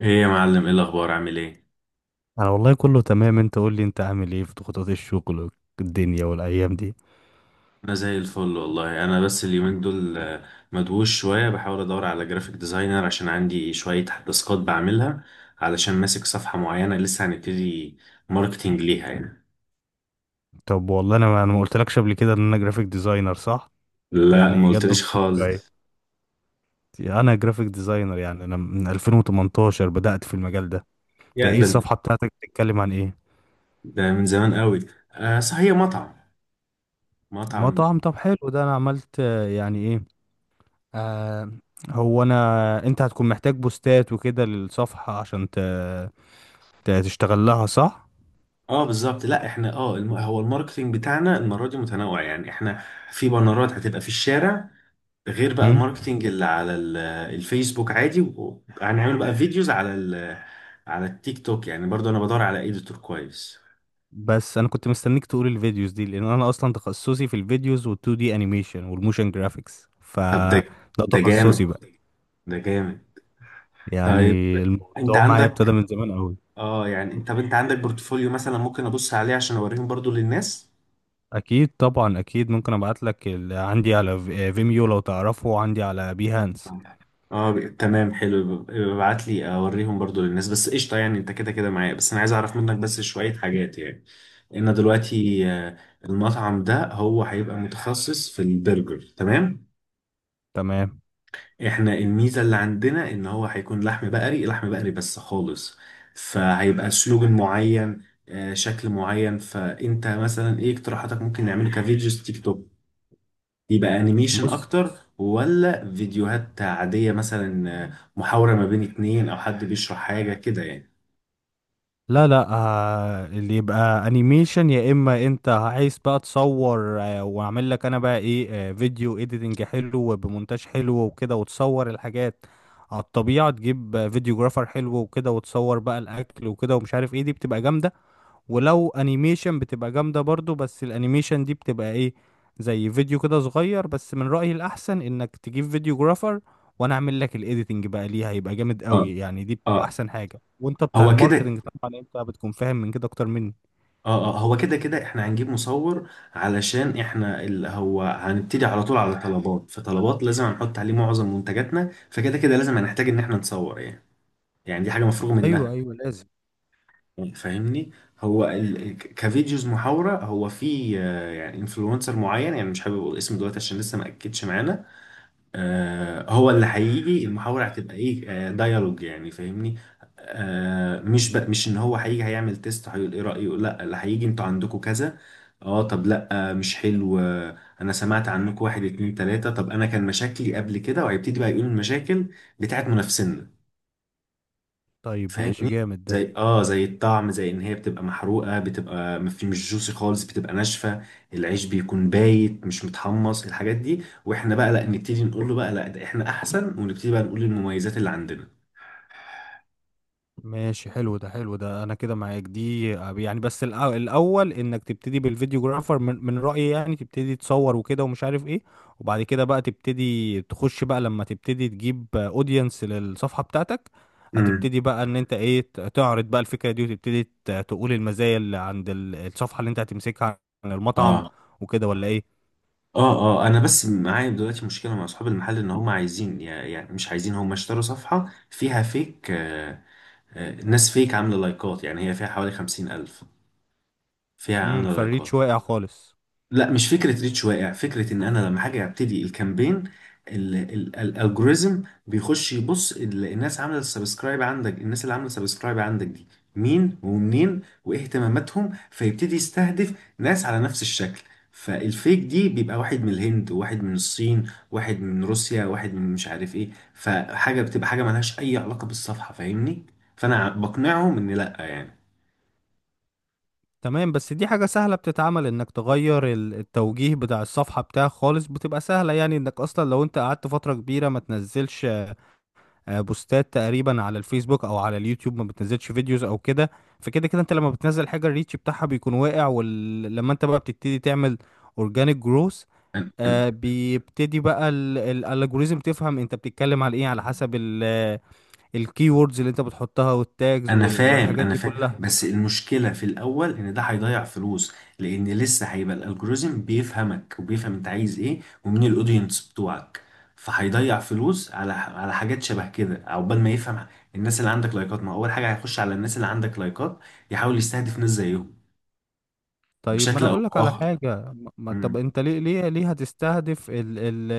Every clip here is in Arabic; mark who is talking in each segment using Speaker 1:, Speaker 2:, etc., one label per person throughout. Speaker 1: ايه يا معلم، ايه الاخبار، عامل ايه؟
Speaker 2: انا والله كله تمام، انت قول لي انت عامل ايه في ضغوطات الشغل والدنيا والايام دي.
Speaker 1: انا زي الفل والله. انا بس اليومين دول مدووش شويه بحاول ادور على جرافيك ديزاينر عشان عندي شويه تاسكات بعملها، علشان ماسك صفحه معينه لسه هنبتدي ماركتينج ليها يعني.
Speaker 2: طب والله انا ما قلتلكش قبل كده ان انا جرافيك ديزاينر، صح؟
Speaker 1: لا، ما
Speaker 2: يعني جت
Speaker 1: قلتليش
Speaker 2: بالصدفه
Speaker 1: خالص.
Speaker 2: ايه. انا جرافيك ديزاينر، يعني انا من 2018 بدأت في المجال ده. انت
Speaker 1: يا
Speaker 2: ايه
Speaker 1: ده انت،
Speaker 2: الصفحه بتاعتك؟ بتتكلم عن ايه؟
Speaker 1: ده من زمان قوي. آه صح، هي مطعم. مطعم.
Speaker 2: مطعم، طب حلو ده. انا عملت يعني ايه. آه. هو انت هتكون محتاج بوستات وكده للصفحه عشان تشتغل لها، صح؟
Speaker 1: اه بالظبط. لا احنا اه هو الماركتينج بتاعنا المره دي متنوع، يعني احنا في بانرات هتبقى في الشارع، غير بقى
Speaker 2: امم،
Speaker 1: الماركتينج اللي على الفيسبوك عادي، وهنعمل بقى فيديوز على ال على التيك توك. يعني برضو انا بدور على اديتور كويس.
Speaker 2: بس انا كنت مستنيك تقول الفيديوز دي لان انا اصلا تخصصي في الفيديوز وال2 دي انيميشن والموشن جرافيكس، ف
Speaker 1: طب ده
Speaker 2: ده
Speaker 1: ده جامد،
Speaker 2: تخصصي بقى.
Speaker 1: ده جامد.
Speaker 2: يعني
Speaker 1: طيب انت
Speaker 2: الموضوع معايا ابتدى
Speaker 1: عندك،
Speaker 2: من زمان قوي.
Speaker 1: انت عندك بورتفوليو مثلا ممكن ابص عليه عشان اوريهم برضو للناس؟
Speaker 2: اكيد طبعا، اكيد ممكن ابعت لك عندي على فيميو لو تعرفه، وعندي على بيهانس.
Speaker 1: اه، تمام، حلو، ابعت لي اوريهم برضو للناس. بس قشطه، يعني انت كده كده معايا، بس انا عايز اعرف منك بس شويه حاجات يعني، لان دلوقتي المطعم ده هو هيبقى متخصص في البرجر، تمام؟
Speaker 2: تمام.
Speaker 1: احنا الميزه اللي عندنا ان هو هيكون لحم بقري، لحم بقري بس خالص، فهيبقى سلوجن معين، شكل معين. فانت مثلا ايه اقتراحاتك؟ ممكن نعمله كفيديوز تيك توك، يبقى انيميشن
Speaker 2: بص،
Speaker 1: اكتر، ولا فيديوهات عادية مثلا، محاورة ما بين اتنين، او حد بيشرح حاجة كده يعني.
Speaker 2: لا لا، اللي يبقى انيميشن، يا اما انت عايز بقى تصور، واعمل لك انا بقى ايه، فيديو اديتنج حلو وبمونتاج حلو وكده وتصور الحاجات على الطبيعة، تجيب فيديوجرافر حلو وكده وتصور بقى الاكل وكده ومش عارف ايه، دي بتبقى جامدة. ولو انيميشن بتبقى جامدة برضو، بس الانيميشن دي بتبقى ايه، زي فيديو كده صغير. بس من رأيي الاحسن انك تجيب فيديو جرافر وانا اعمل لك الايديتنج بقى ليها، هيبقى جامد
Speaker 1: اه،
Speaker 2: قوي. يعني دي بتبقى
Speaker 1: اه
Speaker 2: احسن حاجة، وانت بتاع
Speaker 1: هو كده.
Speaker 2: الماركتنج طبعا انت بتكون فاهم من كده اكتر مني.
Speaker 1: اه اه، هو كده، كده احنا هنجيب مصور، علشان احنا اللي هو هنبتدي على طول على طلبات، فطلبات لازم هنحط عليه معظم منتجاتنا، فكده كده لازم هنحتاج ان احنا نصور يعني. يعني دي حاجة مفروغ
Speaker 2: ايوه
Speaker 1: منها.
Speaker 2: ايوه، لازم.
Speaker 1: فاهمني؟ هو كفيديوز محاورة، هو في يعني انفلونسر معين، يعني مش حابب اقول اسمه دلوقتي عشان لسه ما اكدش معانا، هو اللي هيجي. المحاورة هتبقى ايه؟ ديالوج يعني، فاهمني؟ مش بقى مش ان هو هيجي هيعمل تيست هيقول ايه رأيه، لا، اللي هيجي انتوا عندكم كذا. اه، طب لا، مش حلو. انا سمعت عنكم، واحد اتنين تلاتة، طب انا كان مشاكلي قبل كده، وهيبتدي بقى يقول المشاكل بتاعت منافسينا،
Speaker 2: طيب ماشي،
Speaker 1: فاهمني؟
Speaker 2: جامد ده.
Speaker 1: زي اه، زي الطعم، زي ان هي بتبقى محروقه، بتبقى ما في، مش جوسي خالص، بتبقى ناشفه، العيش بيكون بايت مش متحمص، الحاجات دي. واحنا بقى لا نبتدي نقول له بقى لا، ده احنا احسن، ونبتدي بقى نقول المميزات اللي عندنا.
Speaker 2: ماشي حلو ده، حلو ده، انا كده معاك دي، يعني بس الاول انك تبتدي بالفيديوجرافر من رأيي، يعني تبتدي تصور وكده ومش عارف ايه، وبعد كده بقى تبتدي تخش بقى لما تبتدي تجيب اودينس للصفحة بتاعتك.
Speaker 1: امم
Speaker 2: هتبتدي بقى ان انت ايه تعرض بقى الفكرة دي، وتبتدي تقول المزايا اللي عند الصفحة اللي انت هتمسكها عن المطعم،
Speaker 1: اه،
Speaker 2: وكده ولا ايه؟
Speaker 1: اه اه. انا بس معايا دلوقتي مشكله مع اصحاب المحل، ان هم عايزين يعني مش عايزين، هم اشتروا صفحه فيها فيك، ناس فيك عامله لايكات، يعني هي فيها حوالي خمسين الف، فيها
Speaker 2: امم،
Speaker 1: عامله
Speaker 2: فريد
Speaker 1: لايكات.
Speaker 2: شوية خالص.
Speaker 1: لا، مش فكرة ريتش واقع، فكرة ان انا لما حاجة ابتدي الكامبين، الالجوريزم بيخش يبص الناس عاملة سبسكرايب عندك. الناس اللي عاملة سبسكرايب عندك دي مين ومنين وايه اهتماماتهم؟ فيبتدي يستهدف ناس على نفس الشكل. فالفيك دي بيبقى واحد من الهند، واحد من الصين، واحد من روسيا، واحد من مش عارف ايه، فحاجة بتبقى حاجة ملهاش اي علاقة بالصفحة، فاهمني؟ فانا بقنعهم ان لا يعني.
Speaker 2: تمام، بس دي حاجة سهلة بتتعمل، انك تغير التوجيه بتاع الصفحة بتاعك خالص، بتبقى سهلة. يعني انك اصلا لو انت قعدت فترة كبيرة ما تنزلش بوستات تقريبا على الفيسبوك او على اليوتيوب، ما بتنزلش فيديوز او كده. فكده كده انت لما بتنزل حاجة، الريتش بتاعها بيكون واقع. ولما انت بقى بتبتدي تعمل اورجانيك جروث،
Speaker 1: أنا-
Speaker 2: بيبتدي بقى الالجوريزم تفهم انت بتتكلم على ايه، على
Speaker 1: أنا-
Speaker 2: حسب الكي ووردز اللي انت بتحطها والتاجز
Speaker 1: انا فاهم
Speaker 2: والحاجات
Speaker 1: انا
Speaker 2: دي
Speaker 1: فاهم
Speaker 2: كلها.
Speaker 1: بس المشكله في الاول ان ده هيضيع فلوس، لان لسه هيبقى الالجوريزم بيفهمك، وبيفهم انت عايز ايه، ومين الاودينس بتوعك، فهيضيع فلوس على حاجات شبه كده عقبال ما يفهم. الناس اللي عندك لايكات، ما هو اول حاجه هيخش على الناس اللي عندك لايكات، يحاول يستهدف ناس زيهم
Speaker 2: طيب ما
Speaker 1: بشكل
Speaker 2: انا
Speaker 1: او
Speaker 2: اقول لك على
Speaker 1: باخر.
Speaker 2: حاجه، طب
Speaker 1: مم.
Speaker 2: انت ليه هتستهدف ال ال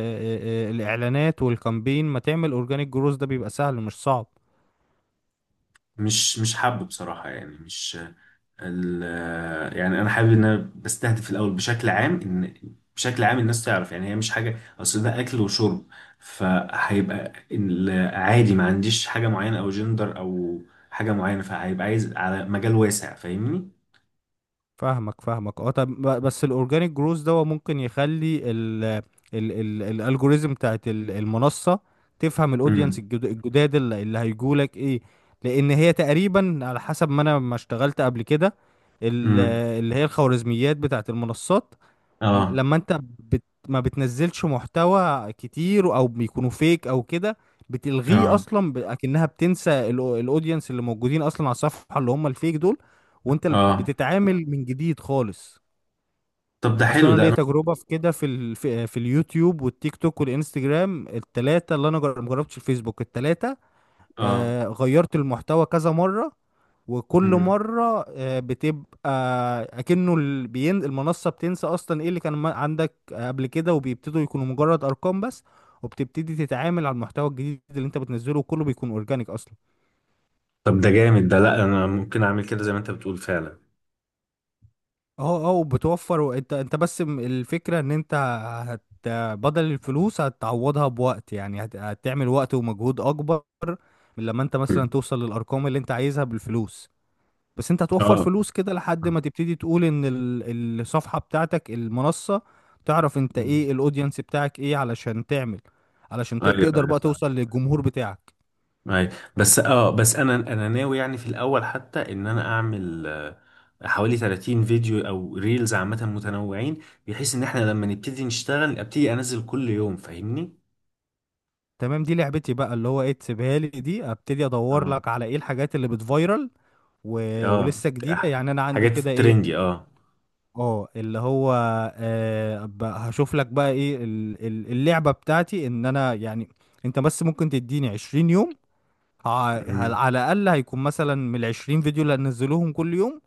Speaker 2: الاعلانات والكامبين؟ ما تعمل اورجانيك جروز، ده بيبقى سهل مش صعب.
Speaker 1: مش حابب بصراحه، يعني مش ال- يعني انا حابب ان انا بستهدف في الاول بشكل عام، ان بشكل عام الناس تعرف، يعني هي مش حاجه، اصل ده اكل وشرب، فهيبقى عادي، ما عنديش حاجه معينه او جندر او حاجه معينه، فهيبقى عايز على مجال واسع، فاهمني؟
Speaker 2: فاهمك فاهمك، اه. طب بس الاورجانيك جروز ده هو ممكن يخلي ال الالجوريزم بتاعت المنصه تفهم الاودينس
Speaker 1: امم
Speaker 2: الجداد اللي هيجولك ايه. لان هي تقريبا على حسب ما انا ما اشتغلت قبل كده ال-
Speaker 1: امم.
Speaker 2: اللي هي الخوارزميات بتاعت المنصات.
Speaker 1: اه
Speaker 2: لما انت ما بتنزلش محتوى كتير او بيكونوا فيك او كده، بتلغيه
Speaker 1: اه
Speaker 2: اصلا اكنها بتنسى الاودينس اللي موجودين اصلا على الصفحه، اللي هم الفيك دول. وانت
Speaker 1: اه.
Speaker 2: بتتعامل من جديد خالص.
Speaker 1: طب ده
Speaker 2: اصلا
Speaker 1: حلو،
Speaker 2: انا
Speaker 1: ده
Speaker 2: ليا
Speaker 1: انا،
Speaker 2: تجربه في كده، في ال... في في اليوتيوب والتيك توك والانستجرام، التلاته اللي انا مجربتش الفيسبوك، التلاته
Speaker 1: اه،
Speaker 2: غيرت المحتوى كذا مرة، وكل
Speaker 1: امم
Speaker 2: مرة بتبقى أكنه بين المنصة بتنسى أصلا إيه اللي كان عندك قبل كده، وبيبتدوا يكونوا مجرد أرقام بس. وبتبتدي تتعامل على المحتوى الجديد اللي أنت بتنزله، وكله بيكون أورجانيك أصلا.
Speaker 1: طب ده جامد، ده لا انا ممكن اعمل كده زي ما انت بتقول فعلا.
Speaker 2: أه أه، وبتوفر. وأنت بس الفكرة إن أنت هت بدل الفلوس هتعوضها بوقت، يعني هتعمل وقت ومجهود أكبر من لما أنت مثلا
Speaker 1: مم.
Speaker 2: توصل للأرقام اللي أنت عايزها بالفلوس. بس انت هتوفر
Speaker 1: اه،
Speaker 2: فلوس كده لحد ما تبتدي تقول ان الصفحة بتاعتك المنصة تعرف انت
Speaker 1: مم.
Speaker 2: ايه الاودينس بتاعك، ايه علشان تعمل، علشان
Speaker 1: ايوه،
Speaker 2: تقدر
Speaker 1: ايوه.
Speaker 2: بقى توصل للجمهور بتاعك.
Speaker 1: أي. بس اه، بس انا ناوي يعني في الاول، حتى ان انا اعمل حوالي 30 فيديو او ريلز عامة متنوعين، بحيث ان احنا لما نبتدي نشتغل ابتدي انزل كل يوم، فاهمني؟
Speaker 2: تمام، دي لعبتي بقى، اللي هو ايه، تسيبها لي دي. ابتدي ادور
Speaker 1: اه
Speaker 2: لك على ايه الحاجات اللي بتفايرل و...
Speaker 1: اه،
Speaker 2: ولسه جديدة، يعني انا عندي
Speaker 1: حاجات
Speaker 2: كده ايه.
Speaker 1: ترندي، اه.
Speaker 2: اه، اللي هو هشوف لك بقى ايه اللعبة بتاعتي، ان انا يعني انت بس ممكن تديني 20 يوم،
Speaker 1: امم
Speaker 2: على الأقل هيكون مثلا من العشرين فيديو اللي هنزلوهم كل يوم،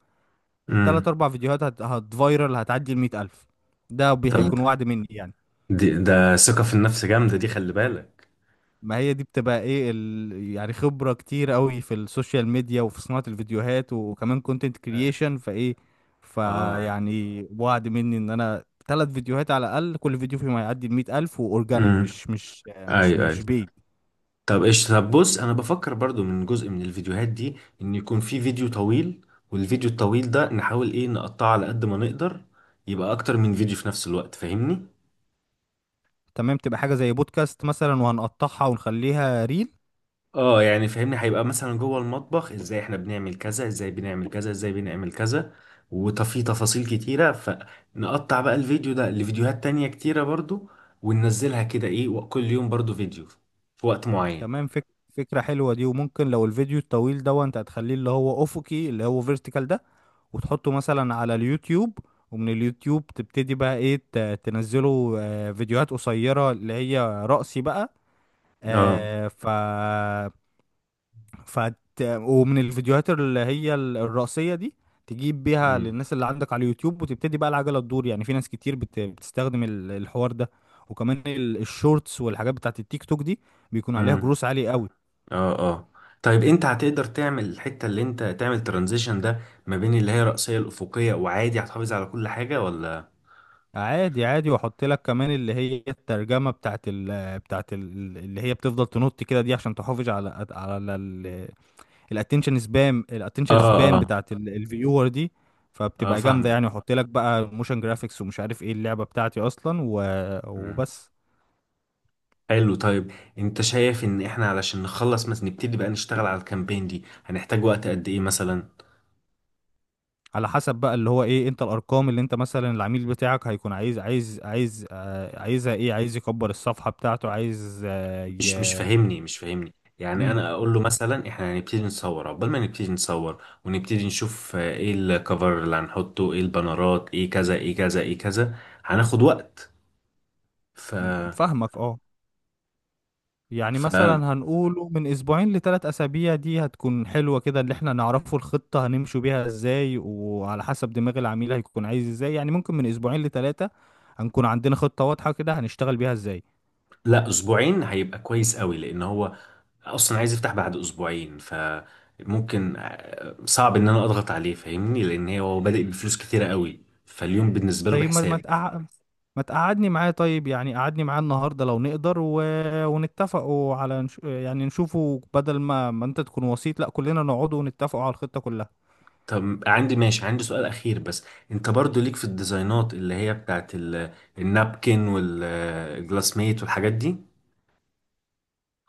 Speaker 2: تلات
Speaker 1: أمم.
Speaker 2: أربع فيديوهات هتفايرل هتعدي ال100 ألف. ده بي
Speaker 1: طب
Speaker 2: هيكون وعد مني يعني.
Speaker 1: دي، ده ثقة في النفس جامدة دي، خلي بالك.
Speaker 2: ما هي دي بتبقى ايه، ال... يعني خبرة كتير قوي في السوشيال ميديا وفي صناعة الفيديوهات وكمان كونتنت كرييشن، فايه
Speaker 1: اه،
Speaker 2: فيعني وعد مني ان انا تلات فيديوهات على الأقل، كل فيديو فيهم هيعدي ال100 ألف وأورجانيك،
Speaker 1: امم،
Speaker 2: مش مش
Speaker 1: اي
Speaker 2: مش
Speaker 1: اي.
Speaker 2: مش بيد.
Speaker 1: طب ايش طب بص، انا بفكر برضو من جزء من الفيديوهات دي ان يكون في فيديو طويل، والفيديو الطويل ده نحاول ايه نقطعه على قد ما نقدر، يبقى اكتر من فيديو في نفس الوقت، فاهمني؟
Speaker 2: تمام، تبقى حاجة زي بودكاست مثلا وهنقطعها ونخليها.
Speaker 1: اه يعني فاهمني، هيبقى مثلا جوه المطبخ، ازاي احنا بنعمل كذا، ازاي بنعمل كذا، ازاي بنعمل كذا، وفي تفاصيل كتيرة، فنقطع بقى الفيديو ده لفيديوهات تانية كتيرة برضو، وننزلها كده ايه وكل يوم برضو فيديو في وقت معين.
Speaker 2: تمام، فكرة حلوة دي. وممكن لو الفيديو الطويل ده انت هتخليه اللي هو افقي، اللي هو فيرتيكال ده، وتحطه مثلا على اليوتيوب. ومن اليوتيوب تبتدي بقى ايه تنزله فيديوهات قصيرة اللي هي رأسي بقى.
Speaker 1: اه،
Speaker 2: آه، ف ف ومن الفيديوهات اللي هي الرأسية دي تجيب بيها للناس اللي عندك على اليوتيوب، وتبتدي بقى العجلة تدور. يعني في ناس كتير بتستخدم الحوار ده، وكمان الشورتس والحاجات بتاعت التيك توك دي بيكون عليها
Speaker 1: امم،
Speaker 2: جروس عالي قوي.
Speaker 1: اه اه. طيب انت هتقدر تعمل الحتة اللي انت تعمل ترانزيشن ده ما بين اللي هي رأسية الأفقية؟ وعادي هتحافظ على كل حاجة ولا؟
Speaker 2: عادي عادي، واحط لك كمان اللي هي الترجمة بتاعت ال اللي هي بتفضل تنط كده دي عشان تحافظ على على الاتنشن
Speaker 1: اه
Speaker 2: سبان
Speaker 1: اه،
Speaker 2: بتاعت الفيور دي.
Speaker 1: اه
Speaker 2: فبتبقى جامدة
Speaker 1: فاهمك.
Speaker 2: يعني، واحط لك بقى موشن جرافيكس ومش عارف ايه اللعبة بتاعتي اصلا
Speaker 1: مم.
Speaker 2: وبس.
Speaker 1: حلو، طيب. انت شايف ان احنا علشان نخلص مثلا، نبتدي بقى نشتغل على الكامبين دي، هنحتاج وقت قد ايه مثلا؟
Speaker 2: على حسب بقى اللي هو ايه، انت الارقام اللي انت مثلا العميل بتاعك هيكون عايز عايزها ايه، عايز يكبر الصفحة بتاعته، عايز آه،
Speaker 1: مش مش
Speaker 2: ي...
Speaker 1: فاهمني مش فاهمني يعني
Speaker 2: مم،
Speaker 1: انا اقول له مثلا احنا هنبتدي نصور، عقبال ما نبتدي نصور ونبتدي نشوف ايه الكفر اللي هنحطه، ايه البانرات، ايه كذا، ايه كذا، ايه كذا، هناخد وقت، ف
Speaker 2: فاهمك اه. يعني
Speaker 1: ف
Speaker 2: مثلا هنقوله من اسبوعين لثلاث اسابيع، دي هتكون حلوة كده اللي احنا نعرفه الخطة هنمشوا بيها ازاي، وعلى حسب دماغ العميل هيكون عايز ازاي، يعني ممكن من اسبوعين لثلاثة هنكون عندنا خطة واضحة كده هنشتغل بيها ازاي.
Speaker 1: لا، اسبوعين هيبقى كويس قوي، لان هو اصلا عايز يفتح بعد اسبوعين. فممكن صعب ان انا اضغط عليه، فاهمني؟ لان هو بادئ بفلوس كتيره قوي، فاليوم بالنسبه له
Speaker 2: طيب
Speaker 1: بحساب.
Speaker 2: ما تقعدني معاه، طيب يعني قعدني معاه النهاردة لو نقدر ونتفقوا على يعني نشوفوا، بدل ما انت تكون وسيط، لا كلنا نقعدوا ونتفقوا على الخطة كلها.
Speaker 1: طب عندي سؤال اخير بس. انت برضو ليك في الديزاينات اللي هي بتاعت النابكن والجلاس ميت والحاجات دي؟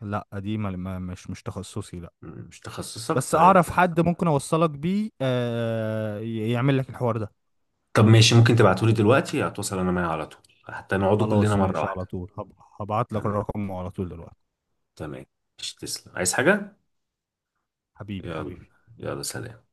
Speaker 2: لا دي ما... ما... مش مش تخصصي، لا.
Speaker 1: مش تخصصك،
Speaker 2: بس
Speaker 1: طيب.
Speaker 2: اعرف حد ممكن اوصلك بيه يعمل لك الحوار ده.
Speaker 1: طب ماشي، ممكن تبعتولي دلوقتي، هتوصل انا معايا على طول، حتى نقعدوا كلنا
Speaker 2: خلاص
Speaker 1: مره
Speaker 2: ماشي، على
Speaker 1: واحده.
Speaker 2: طول هبعت لك
Speaker 1: تمام.
Speaker 2: رقمه على طول دلوقتي.
Speaker 1: تمام. مش تسلم، عايز حاجه؟
Speaker 2: حبيبي
Speaker 1: يلا،
Speaker 2: حبيبي.
Speaker 1: يلا سلام.